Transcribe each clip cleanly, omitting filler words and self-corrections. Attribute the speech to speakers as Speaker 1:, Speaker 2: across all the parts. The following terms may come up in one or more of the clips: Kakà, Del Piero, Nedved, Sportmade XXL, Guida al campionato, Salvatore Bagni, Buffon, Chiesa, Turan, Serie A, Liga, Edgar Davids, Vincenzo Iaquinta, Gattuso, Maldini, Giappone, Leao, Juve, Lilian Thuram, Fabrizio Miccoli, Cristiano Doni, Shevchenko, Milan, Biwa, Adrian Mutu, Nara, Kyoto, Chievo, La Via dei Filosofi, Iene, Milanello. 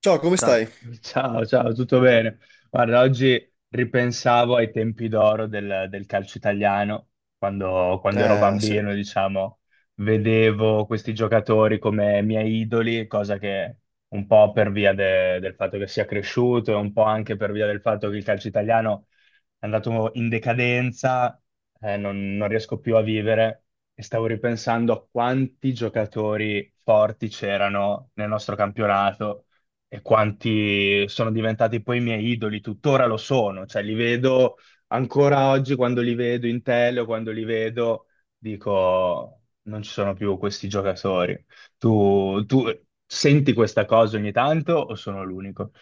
Speaker 1: Ciao, come stai?
Speaker 2: Ciao, ciao, ciao, tutto bene? Guarda, oggi ripensavo ai tempi d'oro del calcio italiano, quando ero
Speaker 1: Sì.
Speaker 2: bambino, diciamo, vedevo questi giocatori come miei idoli, cosa che un po' per via del fatto che sia cresciuto e un po' anche per via del fatto che il calcio italiano è andato in decadenza, non riesco più a vivere e stavo ripensando a quanti giocatori forti c'erano nel nostro campionato e quanti sono diventati poi i miei idoli, tuttora lo sono, cioè li vedo ancora oggi quando li vedo in tele o quando li vedo, dico non ci sono più questi giocatori. Tu senti questa cosa ogni tanto o sono l'unico?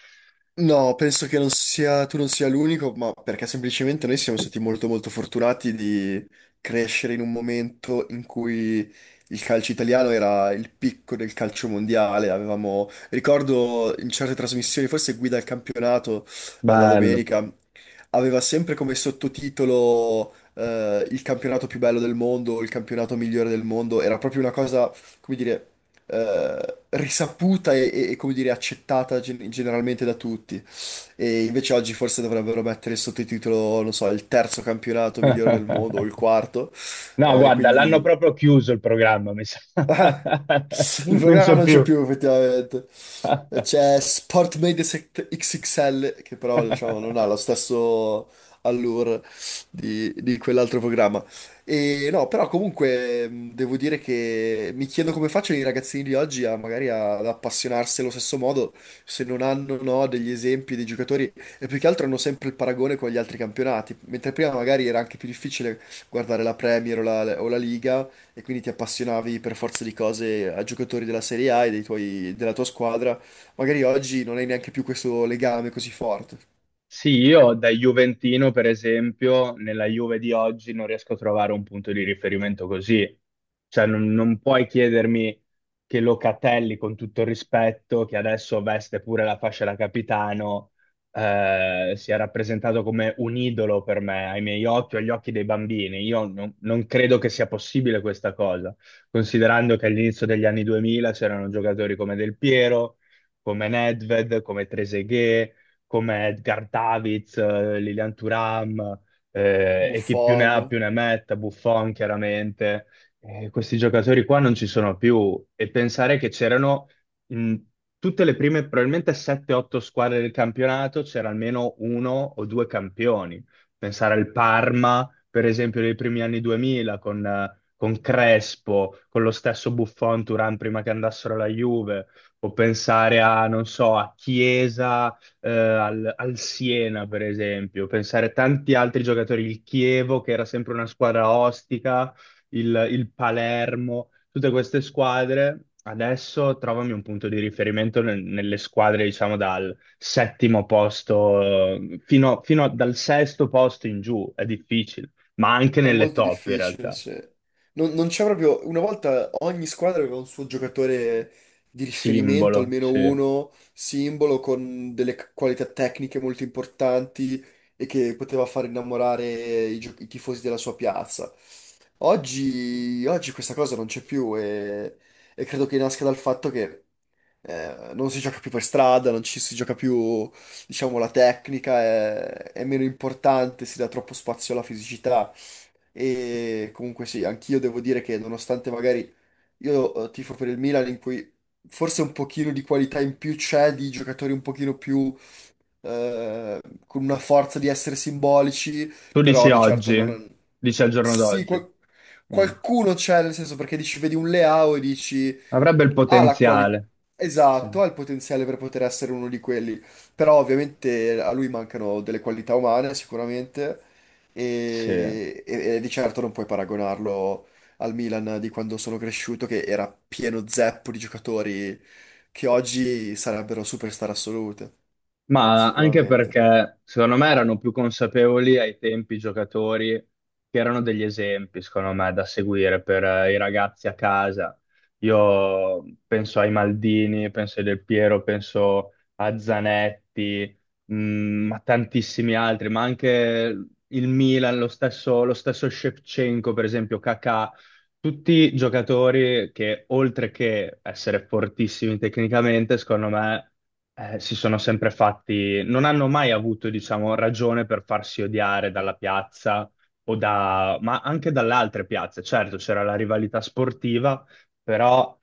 Speaker 1: No, penso che non sia, tu non sia l'unico, ma perché semplicemente noi siamo stati molto molto fortunati di crescere in un momento in cui il calcio italiano era il picco del calcio mondiale. Avevamo, ricordo in certe trasmissioni, forse Guida al campionato, la
Speaker 2: Bello.
Speaker 1: domenica, aveva sempre come sottotitolo, il campionato più bello del mondo, il campionato migliore del mondo. Era proprio una cosa, come dire, risaputa e, come dire, accettata generalmente da tutti. E invece oggi forse dovrebbero mettere il sottotitolo, non so, il terzo campionato migliore del mondo o il quarto.
Speaker 2: No,
Speaker 1: Eh,
Speaker 2: guarda, l'hanno
Speaker 1: quindi
Speaker 2: proprio chiuso il programma, mi sa.
Speaker 1: Ah, il
Speaker 2: Non
Speaker 1: programma
Speaker 2: c'è
Speaker 1: non c'è
Speaker 2: più.
Speaker 1: più, effettivamente. C'è Sportmade XXL, che però diciamo, non ha lo stesso allure di quell'altro programma. E no, però comunque devo dire che mi chiedo come facciano i ragazzini di oggi a magari ad appassionarsi allo stesso modo se non hanno, no, degli esempi dei giocatori, e più che altro hanno sempre il paragone con gli altri campionati, mentre prima magari era anche più difficile guardare la Premier o la Liga, e quindi ti appassionavi per forza di cose a giocatori della Serie A e della tua squadra. Magari oggi non hai neanche più questo legame così forte.
Speaker 2: Sì, io da Juventino, per esempio, nella Juve di oggi non riesco a trovare un punto di riferimento così. Cioè, non puoi chiedermi che Locatelli, con tutto il rispetto, che adesso veste pure la fascia da capitano, sia rappresentato come un idolo per me, ai miei occhi o agli occhi dei bambini. Io non credo che sia possibile questa cosa, considerando che all'inizio degli anni 2000 c'erano giocatori come Del Piero, come Nedved, come Trezeguet, come Edgar Davids, Lilian Thuram, e chi più ne ha
Speaker 1: Buffon,
Speaker 2: più ne metta, Buffon chiaramente. Questi giocatori qua non ci sono più e pensare che c'erano in tutte le prime, probabilmente 7-8 squadre del campionato, c'era almeno uno o due campioni. Pensare al Parma, per esempio, dei primi anni 2000 con... con Crespo, con lo stesso Buffon, Turan prima che andassero alla Juve, o pensare a, non so, a Chiesa, al Siena, per esempio, pensare a tanti altri giocatori, il Chievo, che era sempre una squadra ostica, il Palermo, tutte queste squadre. Adesso trovami un punto di riferimento nelle squadre, diciamo, dal settimo posto fino dal sesto posto in giù, è difficile, ma anche
Speaker 1: è
Speaker 2: nelle
Speaker 1: molto
Speaker 2: top in
Speaker 1: difficile,
Speaker 2: realtà.
Speaker 1: sì. Non c'è proprio. Una volta ogni squadra aveva un suo giocatore di riferimento,
Speaker 2: Simbolo,
Speaker 1: almeno
Speaker 2: sì.
Speaker 1: uno, simbolo, con delle qualità tecniche molto importanti e che poteva far innamorare i tifosi della sua piazza. Oggi questa cosa non c'è più e credo che nasca dal fatto che, non si gioca più per strada, non ci si gioca più, diciamo, la tecnica è meno importante, si dà troppo spazio alla fisicità. E comunque sì, anch'io devo dire che nonostante magari io tifo per il Milan, in cui forse un pochino di qualità in più c'è, di giocatori un pochino più, eh, con una forza di essere simbolici,
Speaker 2: Tu dici
Speaker 1: però di certo
Speaker 2: oggi,
Speaker 1: non,
Speaker 2: dici al giorno
Speaker 1: sì,
Speaker 2: d'oggi. Mm.
Speaker 1: qualcuno c'è, nel senso, perché dici, vedi un Leao e dici,
Speaker 2: Avrebbe il
Speaker 1: ha la qualità,
Speaker 2: potenziale. Sì.
Speaker 1: esatto, ha il potenziale per poter essere uno di quelli, però ovviamente a lui mancano delle qualità umane sicuramente
Speaker 2: Sì,
Speaker 1: e di certo non puoi paragonarlo al Milan di quando sono cresciuto, che era pieno zeppo di giocatori che oggi sarebbero superstar assolute,
Speaker 2: ma anche
Speaker 1: sicuramente.
Speaker 2: perché secondo me erano più consapevoli ai tempi i giocatori che erano degli esempi, secondo me, da seguire per i ragazzi a casa. Io penso ai Maldini, penso ai Del Piero, penso a Zanetti, a tantissimi altri, ma anche il Milan, lo stesso Shevchenko, per esempio, Kakà, tutti giocatori che, oltre che essere fortissimi tecnicamente, secondo me, si sono sempre fatti, non hanno mai avuto, diciamo, ragione per farsi odiare dalla piazza o da, ma anche dalle altre piazze. Certo, c'era la rivalità sportiva, però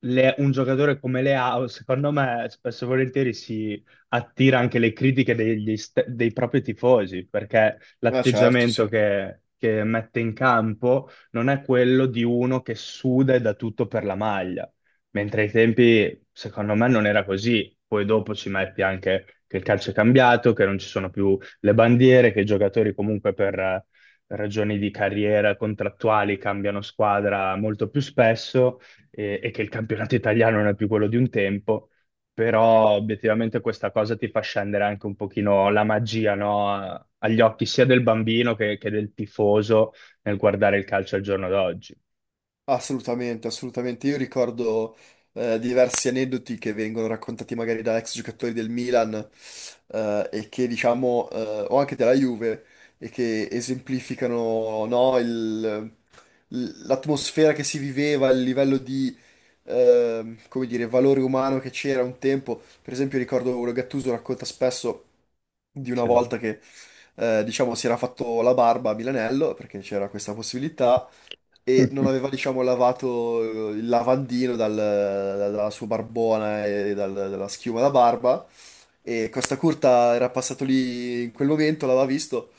Speaker 2: un giocatore come Leao, secondo me, spesso e volentieri si attira anche le critiche dei propri tifosi, perché
Speaker 1: Ma certo,
Speaker 2: l'atteggiamento
Speaker 1: sì.
Speaker 2: che mette in campo non è quello di uno che suda e dà tutto per la maglia, mentre ai tempi, secondo me, non era così. Poi dopo ci metti anche che il calcio è cambiato, che non ci sono più le bandiere, che i giocatori comunque per ragioni di carriera contrattuali cambiano squadra molto più spesso e che il campionato italiano non è più quello di un tempo. Però obiettivamente questa cosa ti fa scendere anche un pochino la magia, no? Agli occhi sia del bambino che del tifoso nel guardare il calcio al giorno d'oggi.
Speaker 1: Assolutamente, assolutamente. Io ricordo, diversi aneddoti che vengono raccontati magari da ex giocatori del Milan, e che diciamo, o anche della Juve, e che esemplificano, no, l'atmosfera che si viveva, il livello di come dire, valore umano che c'era un tempo. Per esempio, ricordo Gattuso racconta spesso di una
Speaker 2: Cioè.
Speaker 1: volta che, diciamo, si era fatto la barba a Milanello perché c'era questa possibilità e non aveva, diciamo, lavato, il lavandino dalla sua barbona e dalla schiuma da barba, e Costa Curta era passato lì in quel momento, l'aveva visto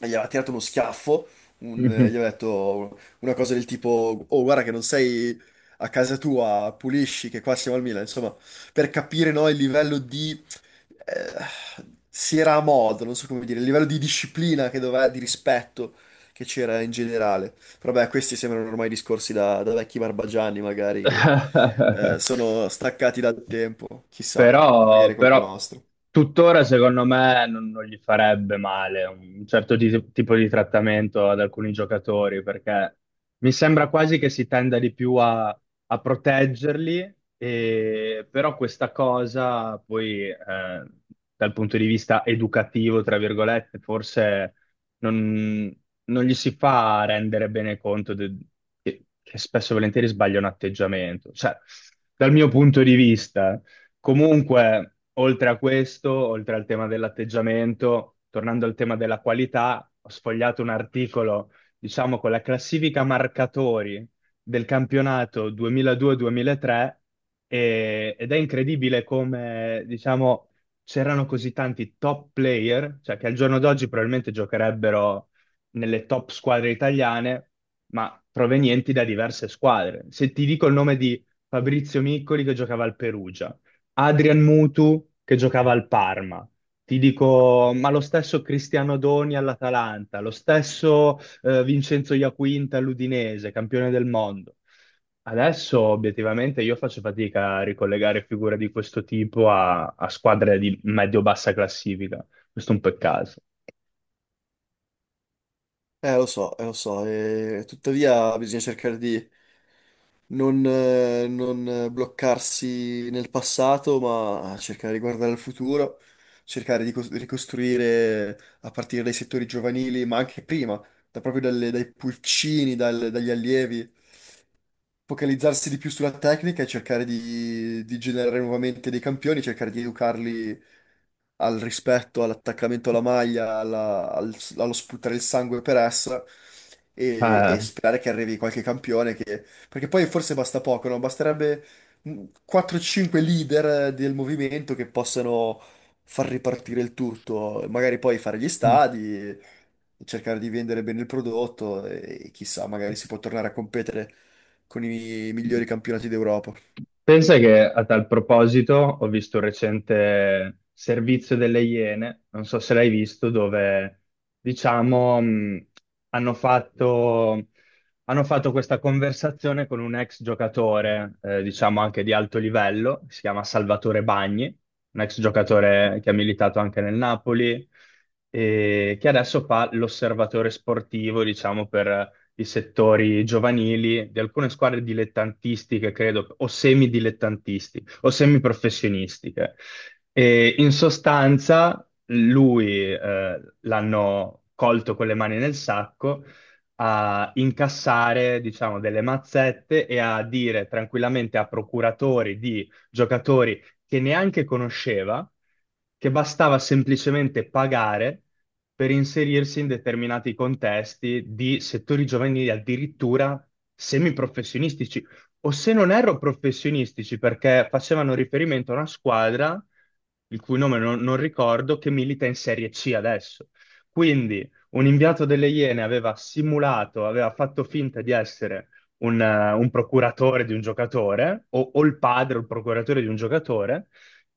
Speaker 1: e gli aveva tirato uno schiaffo, e gli aveva detto una cosa del tipo: "Oh, guarda che non sei a casa tua, pulisci, che qua siamo al Milan". Insomma, per capire, no, il livello di, si era a modo, non so come dire, il livello di disciplina che doveva, di rispetto che c'era in generale. Però beh, questi sembrano ormai discorsi da, da vecchi barbagianni, magari, che, sono staccati dal tempo. Chissà, magari
Speaker 2: Però,
Speaker 1: è colpa
Speaker 2: però
Speaker 1: nostra.
Speaker 2: tuttora secondo me non gli farebbe male un certo tipo di trattamento ad alcuni giocatori, perché mi sembra quasi che si tenda di più a proteggerli, e, però questa cosa poi dal punto di vista educativo, tra virgolette, forse non, non gli si fa rendere bene conto che spesso e volentieri sbaglia un atteggiamento. Cioè, dal mio punto di vista... Comunque, oltre a questo, oltre al tema dell'atteggiamento, tornando al tema della qualità, ho sfogliato un articolo, diciamo, con la classifica marcatori del campionato 2002-2003 ed è incredibile come, diciamo, c'erano così tanti top player, cioè che al giorno d'oggi probabilmente giocherebbero nelle top squadre italiane, ma provenienti da diverse squadre. Se ti dico il nome di... Fabrizio Miccoli che giocava al Perugia. Adrian Mutu che giocava al Parma. Ti dico, ma lo stesso Cristiano Doni all'Atalanta, lo stesso Vincenzo Iaquinta all'Udinese, campione del mondo. Adesso obiettivamente io faccio fatica a ricollegare figure di questo tipo a squadre di medio-bassa classifica. Questo è un peccato.
Speaker 1: Lo so, e tuttavia bisogna cercare di non bloccarsi nel passato, ma cercare di guardare al futuro, cercare di ricostruire a partire dai settori giovanili, ma anche prima, proprio dai pulcini, dagli allievi, focalizzarsi di più sulla tecnica e cercare di generare nuovamente dei campioni, cercare di educarli al rispetto, all'attaccamento alla maglia, allo sputare il sangue per essa, e sperare che arrivi qualche campione perché poi forse basta poco, no? Basterebbe mh, 4-5 leader del movimento che possano far ripartire il tutto, magari poi fare gli
Speaker 2: Eh,
Speaker 1: stadi, cercare di vendere bene il prodotto e chissà, magari si può tornare a competere con i migliori campionati d'Europa.
Speaker 2: Pensa che a tal proposito ho visto un recente servizio delle Iene, non so se l'hai visto, dove diciamo hanno fatto, hanno fatto questa conversazione con un ex giocatore, diciamo anche di alto livello, si chiama Salvatore Bagni, un ex giocatore che ha militato anche nel Napoli e che adesso fa l'osservatore sportivo, diciamo, per i settori giovanili di alcune squadre dilettantistiche, credo, o semidilettantistiche o semiprofessionistiche. E in sostanza lui l'hanno colto con le mani nel sacco a incassare, diciamo, delle mazzette e a dire tranquillamente a procuratori di giocatori che neanche conosceva, che bastava semplicemente pagare per inserirsi in determinati contesti di settori giovanili addirittura semiprofessionistici, o se non erro professionistici, perché facevano riferimento a una squadra, il cui nome non ricordo, che milita in Serie C adesso. Quindi un inviato delle Iene aveva simulato, aveva fatto finta di essere un procuratore di un giocatore o il padre o il procuratore di un giocatore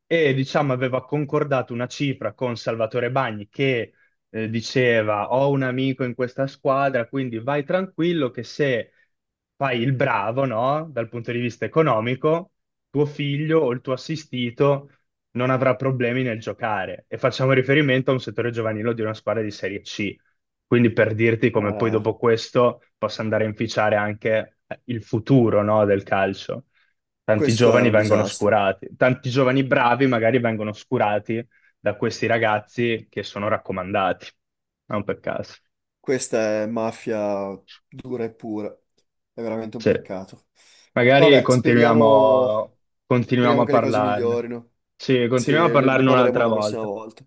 Speaker 2: e diciamo aveva concordato una cifra con Salvatore Bagni che diceva ho un amico in questa squadra, quindi vai tranquillo che se fai il bravo, no, dal punto di vista economico, tuo figlio o il tuo assistito non avrà problemi nel giocare. E facciamo riferimento a un settore giovanile di una squadra di Serie C. Quindi per dirti come poi
Speaker 1: Eh,
Speaker 2: dopo questo possa andare a inficiare anche il futuro, no, del calcio. Tanti
Speaker 1: questo è
Speaker 2: giovani
Speaker 1: un
Speaker 2: vengono
Speaker 1: disastro.
Speaker 2: oscurati, tanti giovani bravi magari vengono oscurati da questi ragazzi che sono raccomandati, non per caso.
Speaker 1: Questa è mafia dura e pura. È veramente un
Speaker 2: Sì.
Speaker 1: peccato.
Speaker 2: Magari
Speaker 1: Vabbè, speriamo,
Speaker 2: continuiamo,
Speaker 1: speriamo
Speaker 2: a
Speaker 1: che le cose
Speaker 2: parlarne.
Speaker 1: migliorino.
Speaker 2: Sì,
Speaker 1: Sì,
Speaker 2: continuiamo a
Speaker 1: ne
Speaker 2: parlarne
Speaker 1: parleremo
Speaker 2: un'altra
Speaker 1: la prossima
Speaker 2: volta.
Speaker 1: volta.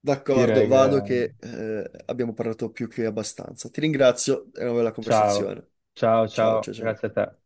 Speaker 1: D'accordo,
Speaker 2: Direi che...
Speaker 1: vado che abbiamo parlato più che abbastanza. Ti ringrazio, è una bella
Speaker 2: Ciao,
Speaker 1: conversazione.
Speaker 2: ciao,
Speaker 1: Ciao, ciao,
Speaker 2: ciao,
Speaker 1: ciao.
Speaker 2: grazie a te.